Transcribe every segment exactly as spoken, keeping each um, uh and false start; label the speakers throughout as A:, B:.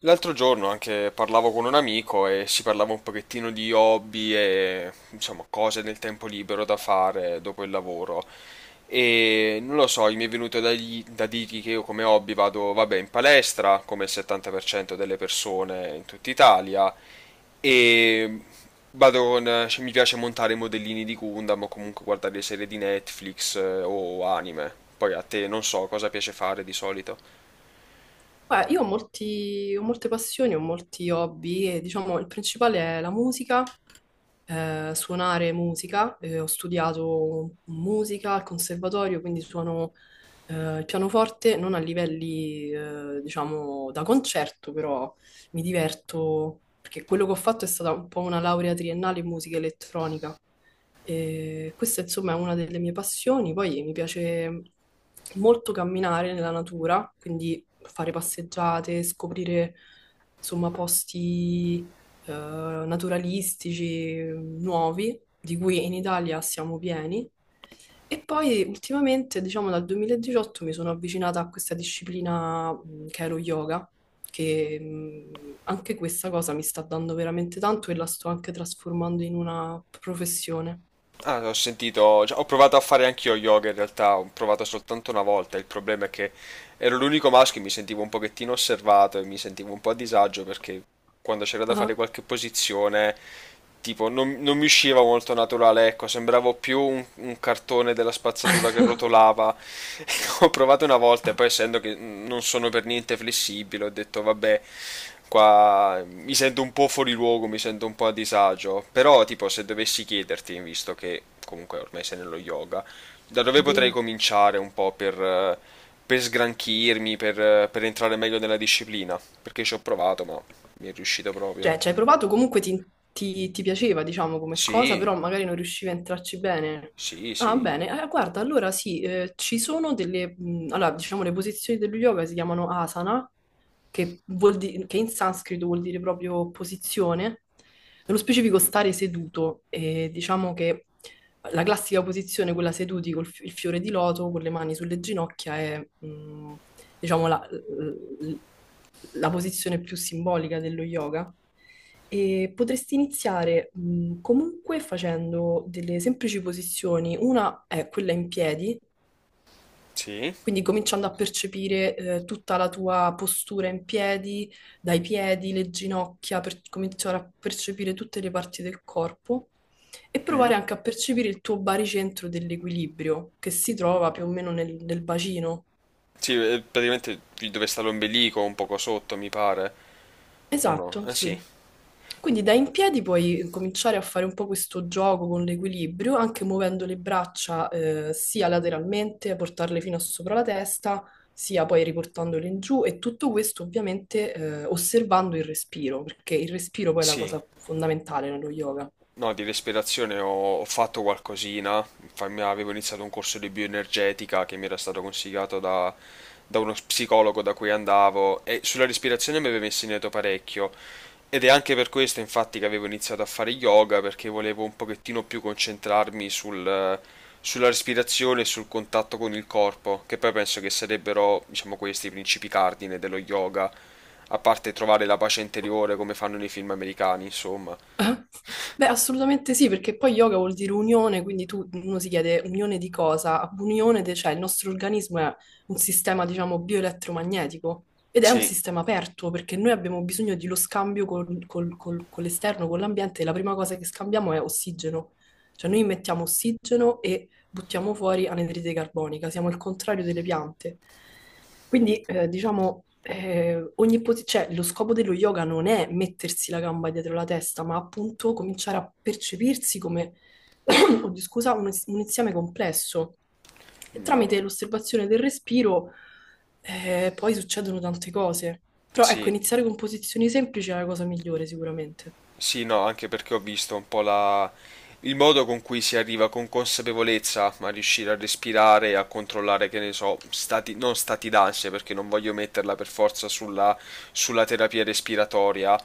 A: L'altro giorno anche parlavo con un amico e si parlava un pochettino di hobby e insomma cose nel tempo libero da fare dopo il lavoro. E non lo so, mi è venuto da, gli- da dirgli che io come hobby vado, vabbè, in palestra, come il settanta per cento delle persone in tutta Italia, e vado con, cioè, mi piace montare i modellini di Gundam o comunque guardare le serie di Netflix eh, o anime. Poi a te non so cosa piace fare di solito.
B: Beh, io ho molti- ho molte passioni, ho molti hobby e diciamo il principale è la musica, eh, suonare musica. Eh, ho studiato musica al conservatorio, quindi suono eh, il pianoforte, non a livelli eh, diciamo da concerto, però mi diverto perché quello che ho fatto è stata un po' una laurea triennale in musica elettronica. E questa insomma è una delle mie passioni, poi mi piace molto camminare nella natura, quindi fare passeggiate, scoprire insomma posti eh, naturalistici mm, nuovi, di cui in Italia siamo pieni. E poi ultimamente, diciamo dal duemiladiciotto, mi sono avvicinata a questa disciplina mh, che è lo yoga, che mh, anche questa cosa mi sta dando veramente tanto e la sto anche trasformando in una professione.
A: Ah, ho sentito, cioè, ho provato a fare anch'io yoga in realtà, ho provato soltanto una volta, il problema è che ero l'unico maschio e mi sentivo un pochettino osservato e mi sentivo un po' a disagio perché quando c'era da fare
B: Ah.
A: qualche posizione, tipo, non, non mi usciva molto naturale, ecco, sembravo più un, un cartone della spazzatura che rotolava. Ho provato una volta e poi essendo che non sono per niente flessibile, ho detto vabbè, qua mi sento un po' fuori luogo, mi sento un po' a disagio, però tipo se dovessi chiederti, visto che comunque ormai sei nello yoga, da dove potrei
B: Dimmi.
A: cominciare un po' per, eh, per sgranchirmi, per, eh, per entrare meglio nella disciplina? Perché ci ho provato, ma mi è riuscito proprio.
B: Cioè, ci hai provato, comunque ti, ti- ti piaceva, diciamo, come cosa,
A: Sì,
B: però magari non riuscivi a entrarci bene.
A: sì,
B: Ah,
A: sì.
B: bene. Eh, guarda, allora sì, eh, ci sono delle mh, allora, diciamo, le posizioni dello yoga si chiamano asana, che, vuol di- che in sanscrito vuol dire proprio posizione, nello specifico stare seduto, e diciamo che la classica posizione, quella seduti col fi- il fiore di loto, con le mani sulle ginocchia, è mh, diciamo la, l- la posizione più simbolica dello yoga. E potresti iniziare mh, comunque facendo delle semplici posizioni. Una è quella in piedi,
A: Sì?
B: quindi cominciando a percepire eh, tutta la tua postura in piedi, dai piedi, le ginocchia, per cominciare a percepire tutte le parti del corpo e
A: Mm.
B: provare anche a percepire il tuo baricentro dell'equilibrio che si trova più o meno nel, nel bacino.
A: Sì, eh, praticamente dove sta l'ombelico, un poco sotto, mi pare. O no?
B: Esatto,
A: Eh sì,
B: sì. Quindi da in piedi puoi cominciare a fare un po' questo gioco con l'equilibrio, anche muovendo le braccia eh, sia lateralmente, portarle fino a sopra la testa, sia poi riportandole in giù e tutto questo ovviamente eh, osservando il respiro, perché il respiro poi è la
A: sì.
B: cosa fondamentale nello yoga.
A: No, di respirazione ho, ho fatto qualcosina. Infatti, avevo iniziato un corso di bioenergetica che mi era stato consigliato da, da uno psicologo da cui andavo e sulla respirazione mi aveva insegnato parecchio ed è anche per questo infatti che avevo iniziato a fare yoga perché volevo un pochettino più concentrarmi sul, eh, sulla respirazione e sul contatto con il corpo, che poi penso che sarebbero, diciamo, questi i principi cardine dello yoga, a parte trovare la pace interiore come fanno nei film americani, insomma.
B: Beh, assolutamente sì, perché poi yoga vuol dire unione, quindi tu, uno si chiede unione di cosa? Unione, de- cioè il nostro organismo è un sistema, diciamo, bioelettromagnetico ed è un
A: Sì,
B: sistema aperto perché noi abbiamo bisogno dello scambio col- col- col- con l'esterno, con l'ambiente e la prima cosa che scambiamo è ossigeno. Cioè noi mettiamo ossigeno e buttiamo fuori anidride carbonica, siamo il contrario delle piante. Quindi, eh, diciamo, eh, ogni posi- cioè, lo scopo dello yoga non è mettersi la gamba dietro la testa, ma appunto cominciare a percepirsi come, oddio, scusa, un, un insieme complesso. E
A: No,
B: tramite l'osservazione del respiro, eh, poi succedono tante cose. Però ecco,
A: sì,
B: iniziare con posizioni semplici è la cosa migliore sicuramente.
A: sì, no, anche perché ho visto un po' la... il modo con cui si arriva con consapevolezza a riuscire a respirare e a controllare, che ne so, stati, non stati d'ansia, perché non voglio metterla per forza sulla, sulla terapia respiratoria,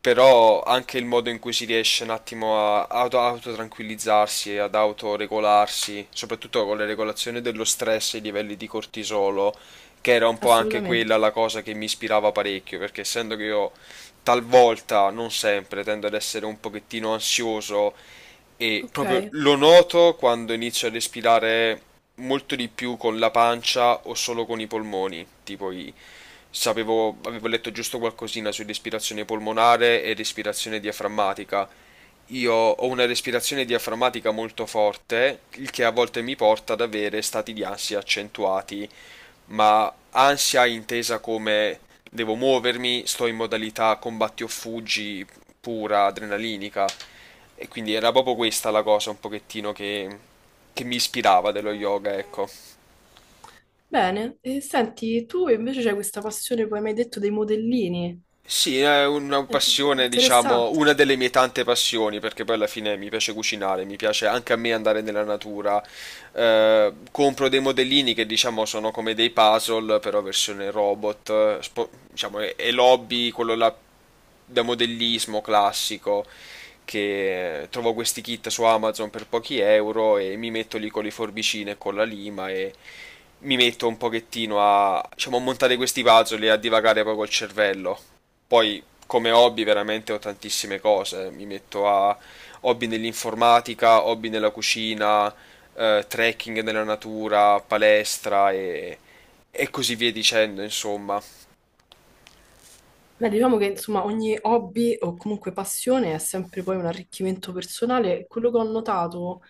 A: però anche il modo in cui si riesce un attimo a auto, autotranquillizzarsi e ad autoregolarsi, soprattutto con le regolazioni dello stress e i livelli di cortisolo, che era un po' anche
B: Assolutamente.
A: quella la cosa che mi ispirava parecchio, perché essendo che io talvolta, non sempre, tendo ad essere un pochettino ansioso e proprio
B: Ok.
A: lo noto quando inizio a respirare molto di più con la pancia o solo con i polmoni, tipo i... Sapevo, avevo letto giusto qualcosina su respirazione polmonare e respirazione diaframmatica. Io ho una respirazione diaframmatica molto forte, il che a volte mi porta ad avere stati di ansia accentuati, ma ansia intesa come devo muovermi, sto in modalità combatti o fuggi pura, adrenalinica. E quindi era proprio questa la cosa un pochettino che, che mi ispirava dello yoga, ecco.
B: Bene, e senti, tu invece c'hai questa passione, come mi hai detto, dei modellini.
A: Sì, è una
B: Eh,
A: passione, diciamo,
B: Interessante.
A: una delle mie tante passioni, perché poi alla fine mi piace cucinare, mi piace anche a me andare nella natura. Eh, compro dei modellini che, diciamo, sono come dei puzzle, però versione robot, eh, spo- diciamo, è, è l'hobby, quello là da modellismo classico, che eh, trovo questi kit su Amazon per pochi euro e mi metto lì con le forbicine e con la lima e mi metto un pochettino a, diciamo, a montare questi puzzle e a divagare poi col cervello. Poi come hobby veramente ho tantissime cose, mi metto a hobby nell'informatica, hobby nella cucina, eh, trekking nella natura, palestra e, e così via dicendo, insomma.
B: Beh, diciamo che insomma ogni hobby o comunque passione è sempre poi un arricchimento personale. Quello che ho notato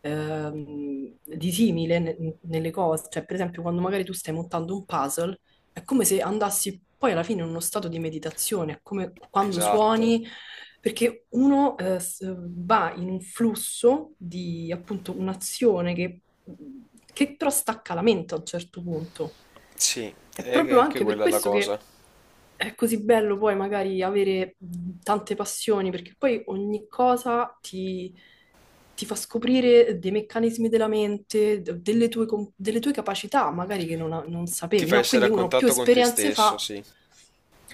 B: ehm, di simile ne- nelle cose, cioè per esempio quando magari tu stai montando un puzzle, è come se andassi poi alla fine in uno stato di meditazione, è come quando
A: Esatto.
B: suoni, perché uno eh, s- va in un flusso di appunto un'azione che, che però stacca la mente a un certo punto.
A: Sì,
B: È
A: è
B: proprio
A: anche
B: anche per
A: quella la
B: questo
A: cosa.
B: che è così bello poi magari avere mh, tante passioni, perché poi ogni cosa ti, ti fa scoprire dei meccanismi della mente, d- delle tue, com- delle tue capacità, magari che non, a- non
A: Ti
B: sapevi,
A: fa
B: no?
A: essere
B: Quindi
A: a
B: uno più
A: contatto con te
B: esperienze
A: stesso,
B: fa,
A: sì.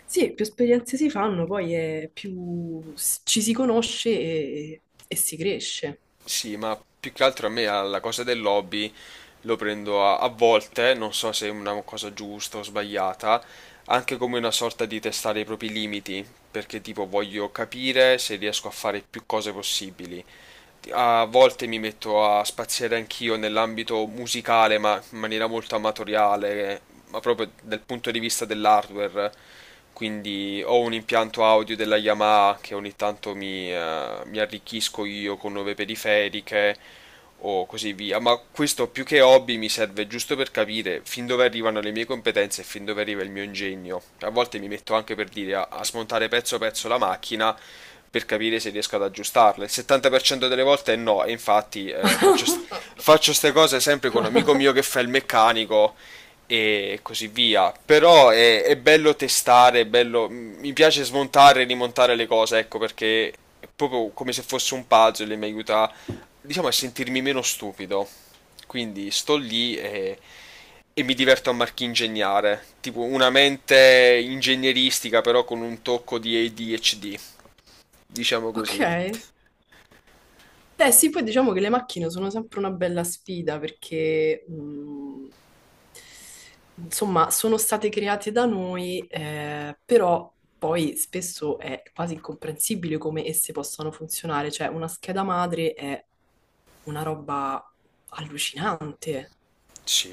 B: sì, più esperienze si fanno, poi è più s- ci si conosce e, e si cresce.
A: Sì, ma più che altro a me alla cosa del lobby lo prendo a, a volte, non so se è una cosa giusta o sbagliata, anche come una sorta di testare i propri limiti, perché tipo voglio capire se riesco a fare più cose possibili a volte mi metto a spaziare anch'io nell'ambito musicale, ma in maniera molto amatoriale, eh, ma proprio dal punto di vista dell'hardware. Quindi ho un impianto audio della Yamaha che ogni tanto mi, eh, mi arricchisco io con nuove periferiche, o così via, ma questo più che hobby mi serve giusto per capire fin dove arrivano le mie competenze e fin dove arriva il mio ingegno. A volte mi metto anche per dire a, a smontare pezzo pezzo la macchina per capire se riesco ad aggiustarla. Il settanta per cento delle volte è no, e infatti eh, faccio, st- faccio ste cose sempre con un amico mio che fa il meccanico e così via. Però è, è bello testare, è bello, mi piace smontare e rimontare le cose, ecco perché è proprio come se fosse un puzzle e mi aiuta diciamo, a sentirmi meno stupido. Quindi sto lì e, e mi diverto a marchingegnare. Tipo una mente ingegneristica, però con un tocco di A D H D. Diciamo
B: Ok?
A: così.
B: Eh sì, poi diciamo che le macchine sono sempre una bella sfida perché, mh, insomma, sono state create da noi, eh, però poi spesso è quasi incomprensibile come esse possano funzionare. Cioè, una scheda madre è una roba allucinante.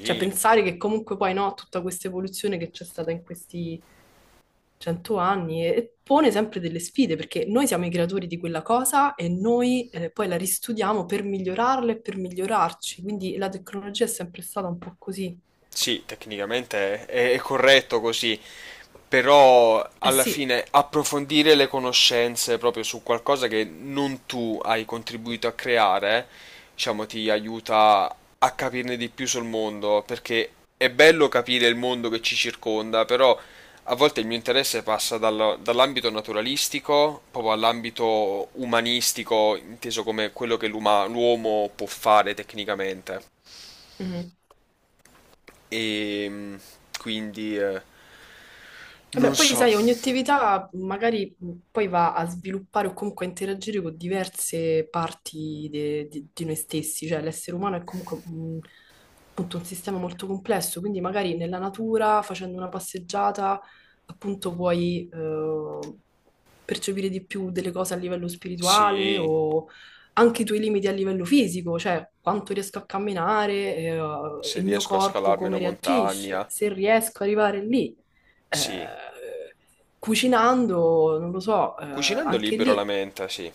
B: Cioè, pensare che comunque poi no, tutta questa evoluzione che c'è stata in questi cento anni e, e pone sempre delle sfide, perché noi siamo i creatori di quella cosa e noi eh, poi la ristudiamo per migliorarla e per migliorarci. Quindi la tecnologia è sempre stata un po' così.
A: Sì, tecnicamente è, è corretto così, però
B: Eh
A: alla
B: sì,
A: fine approfondire le conoscenze proprio su qualcosa che non tu hai contribuito a creare, diciamo, ti aiuta a capirne di più sul mondo, perché è bello capire il mondo che ci circonda, però a volte il mio interesse passa dal- dall'ambito naturalistico proprio all'ambito umanistico, inteso come quello che l'uma- l'uomo può fare tecnicamente.
B: mhm.
A: E mm, quindi eh,
B: Vabbè,
A: non
B: poi
A: so.
B: sai, ogni attività magari mh, poi va a sviluppare o comunque a interagire con diverse parti de- di di noi stessi, cioè l'essere umano è comunque un, appunto un sistema molto complesso, quindi magari nella natura, facendo una passeggiata, appunto puoi eh, percepire di più delle cose a livello spirituale
A: Sì,
B: o anche i tuoi limiti a livello fisico, cioè quanto riesco a camminare, eh,
A: se
B: il mio
A: riesco a
B: corpo
A: scalarmi una
B: come reagisce,
A: montagna.
B: se riesco ad arrivare lì. Eh,
A: Sì.
B: cucinando, non lo so, eh,
A: Cucinando
B: anche
A: libero la
B: lì,
A: menta, sì.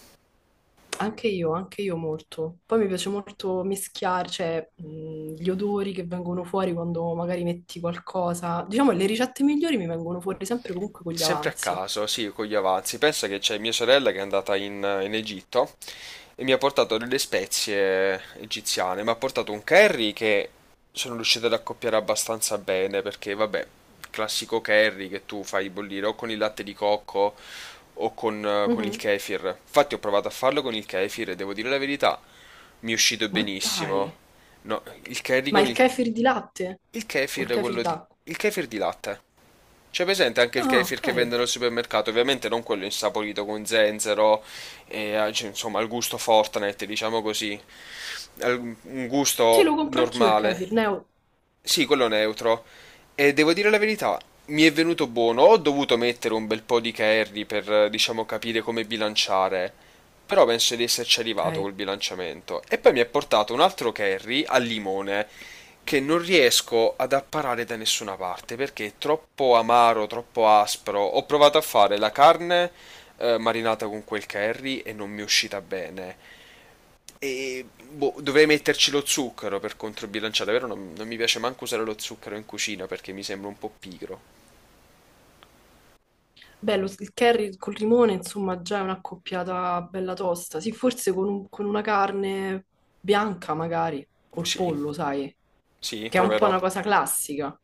B: anche io, anche io molto. Poi mi piace molto mischiare, cioè, mh, gli odori che vengono fuori quando magari metti qualcosa. Diciamo, le ricette migliori mi vengono fuori sempre comunque con gli
A: Sempre a
B: avanzi.
A: caso, sì, con gli avanzi. Pensa che c'è mia sorella che è andata in, in Egitto e mi ha portato delle spezie egiziane. Mi ha portato un curry che sono riuscito ad accoppiare abbastanza bene perché, vabbè, classico curry che tu fai bollire o con il latte di cocco o con, eh, con il
B: Mhm.
A: kefir. Infatti ho provato a farlo con il kefir e devo dire la verità, mi è uscito
B: Ma dai,
A: benissimo. No, il curry
B: ma
A: con
B: il
A: il...
B: kefir di latte?
A: Il
B: O
A: kefir,
B: il
A: è
B: kefir
A: quello di...
B: d'acqua?
A: Il kefir di latte. C'è presente anche il
B: Ah,
A: kefir
B: ok.
A: che vendono al supermercato, ovviamente non quello insaporito con zenzero, e, ah, cioè, insomma, al gusto Fortnite, diciamo così, al- un
B: Sì,
A: gusto
B: lo compro anch'io il
A: normale.
B: kefir, Neo.
A: Sì, quello neutro. E devo dire la verità, mi è venuto buono. Ho dovuto mettere un bel po' di curry per, eh, diciamo, capire come bilanciare. Però penso di esserci arrivato
B: Ok.
A: col bilanciamento. E poi mi ha portato un altro curry al limone che non riesco ad apparare da nessuna parte perché è troppo amaro, troppo aspro. Ho provato a fare la carne eh, marinata con quel curry e non mi è uscita bene. E boh, dovrei metterci lo zucchero per controbilanciare, però non, non mi piace manco usare lo zucchero in cucina perché mi sembra un po' pigro.
B: Beh, lo- il curry col limone, insomma, già è una coppiata bella tosta. Sì, forse con, un- con una carne bianca, magari, col
A: Sì,
B: pollo, sai,
A: sì,
B: che è un po'
A: proverò.
B: una cosa classica.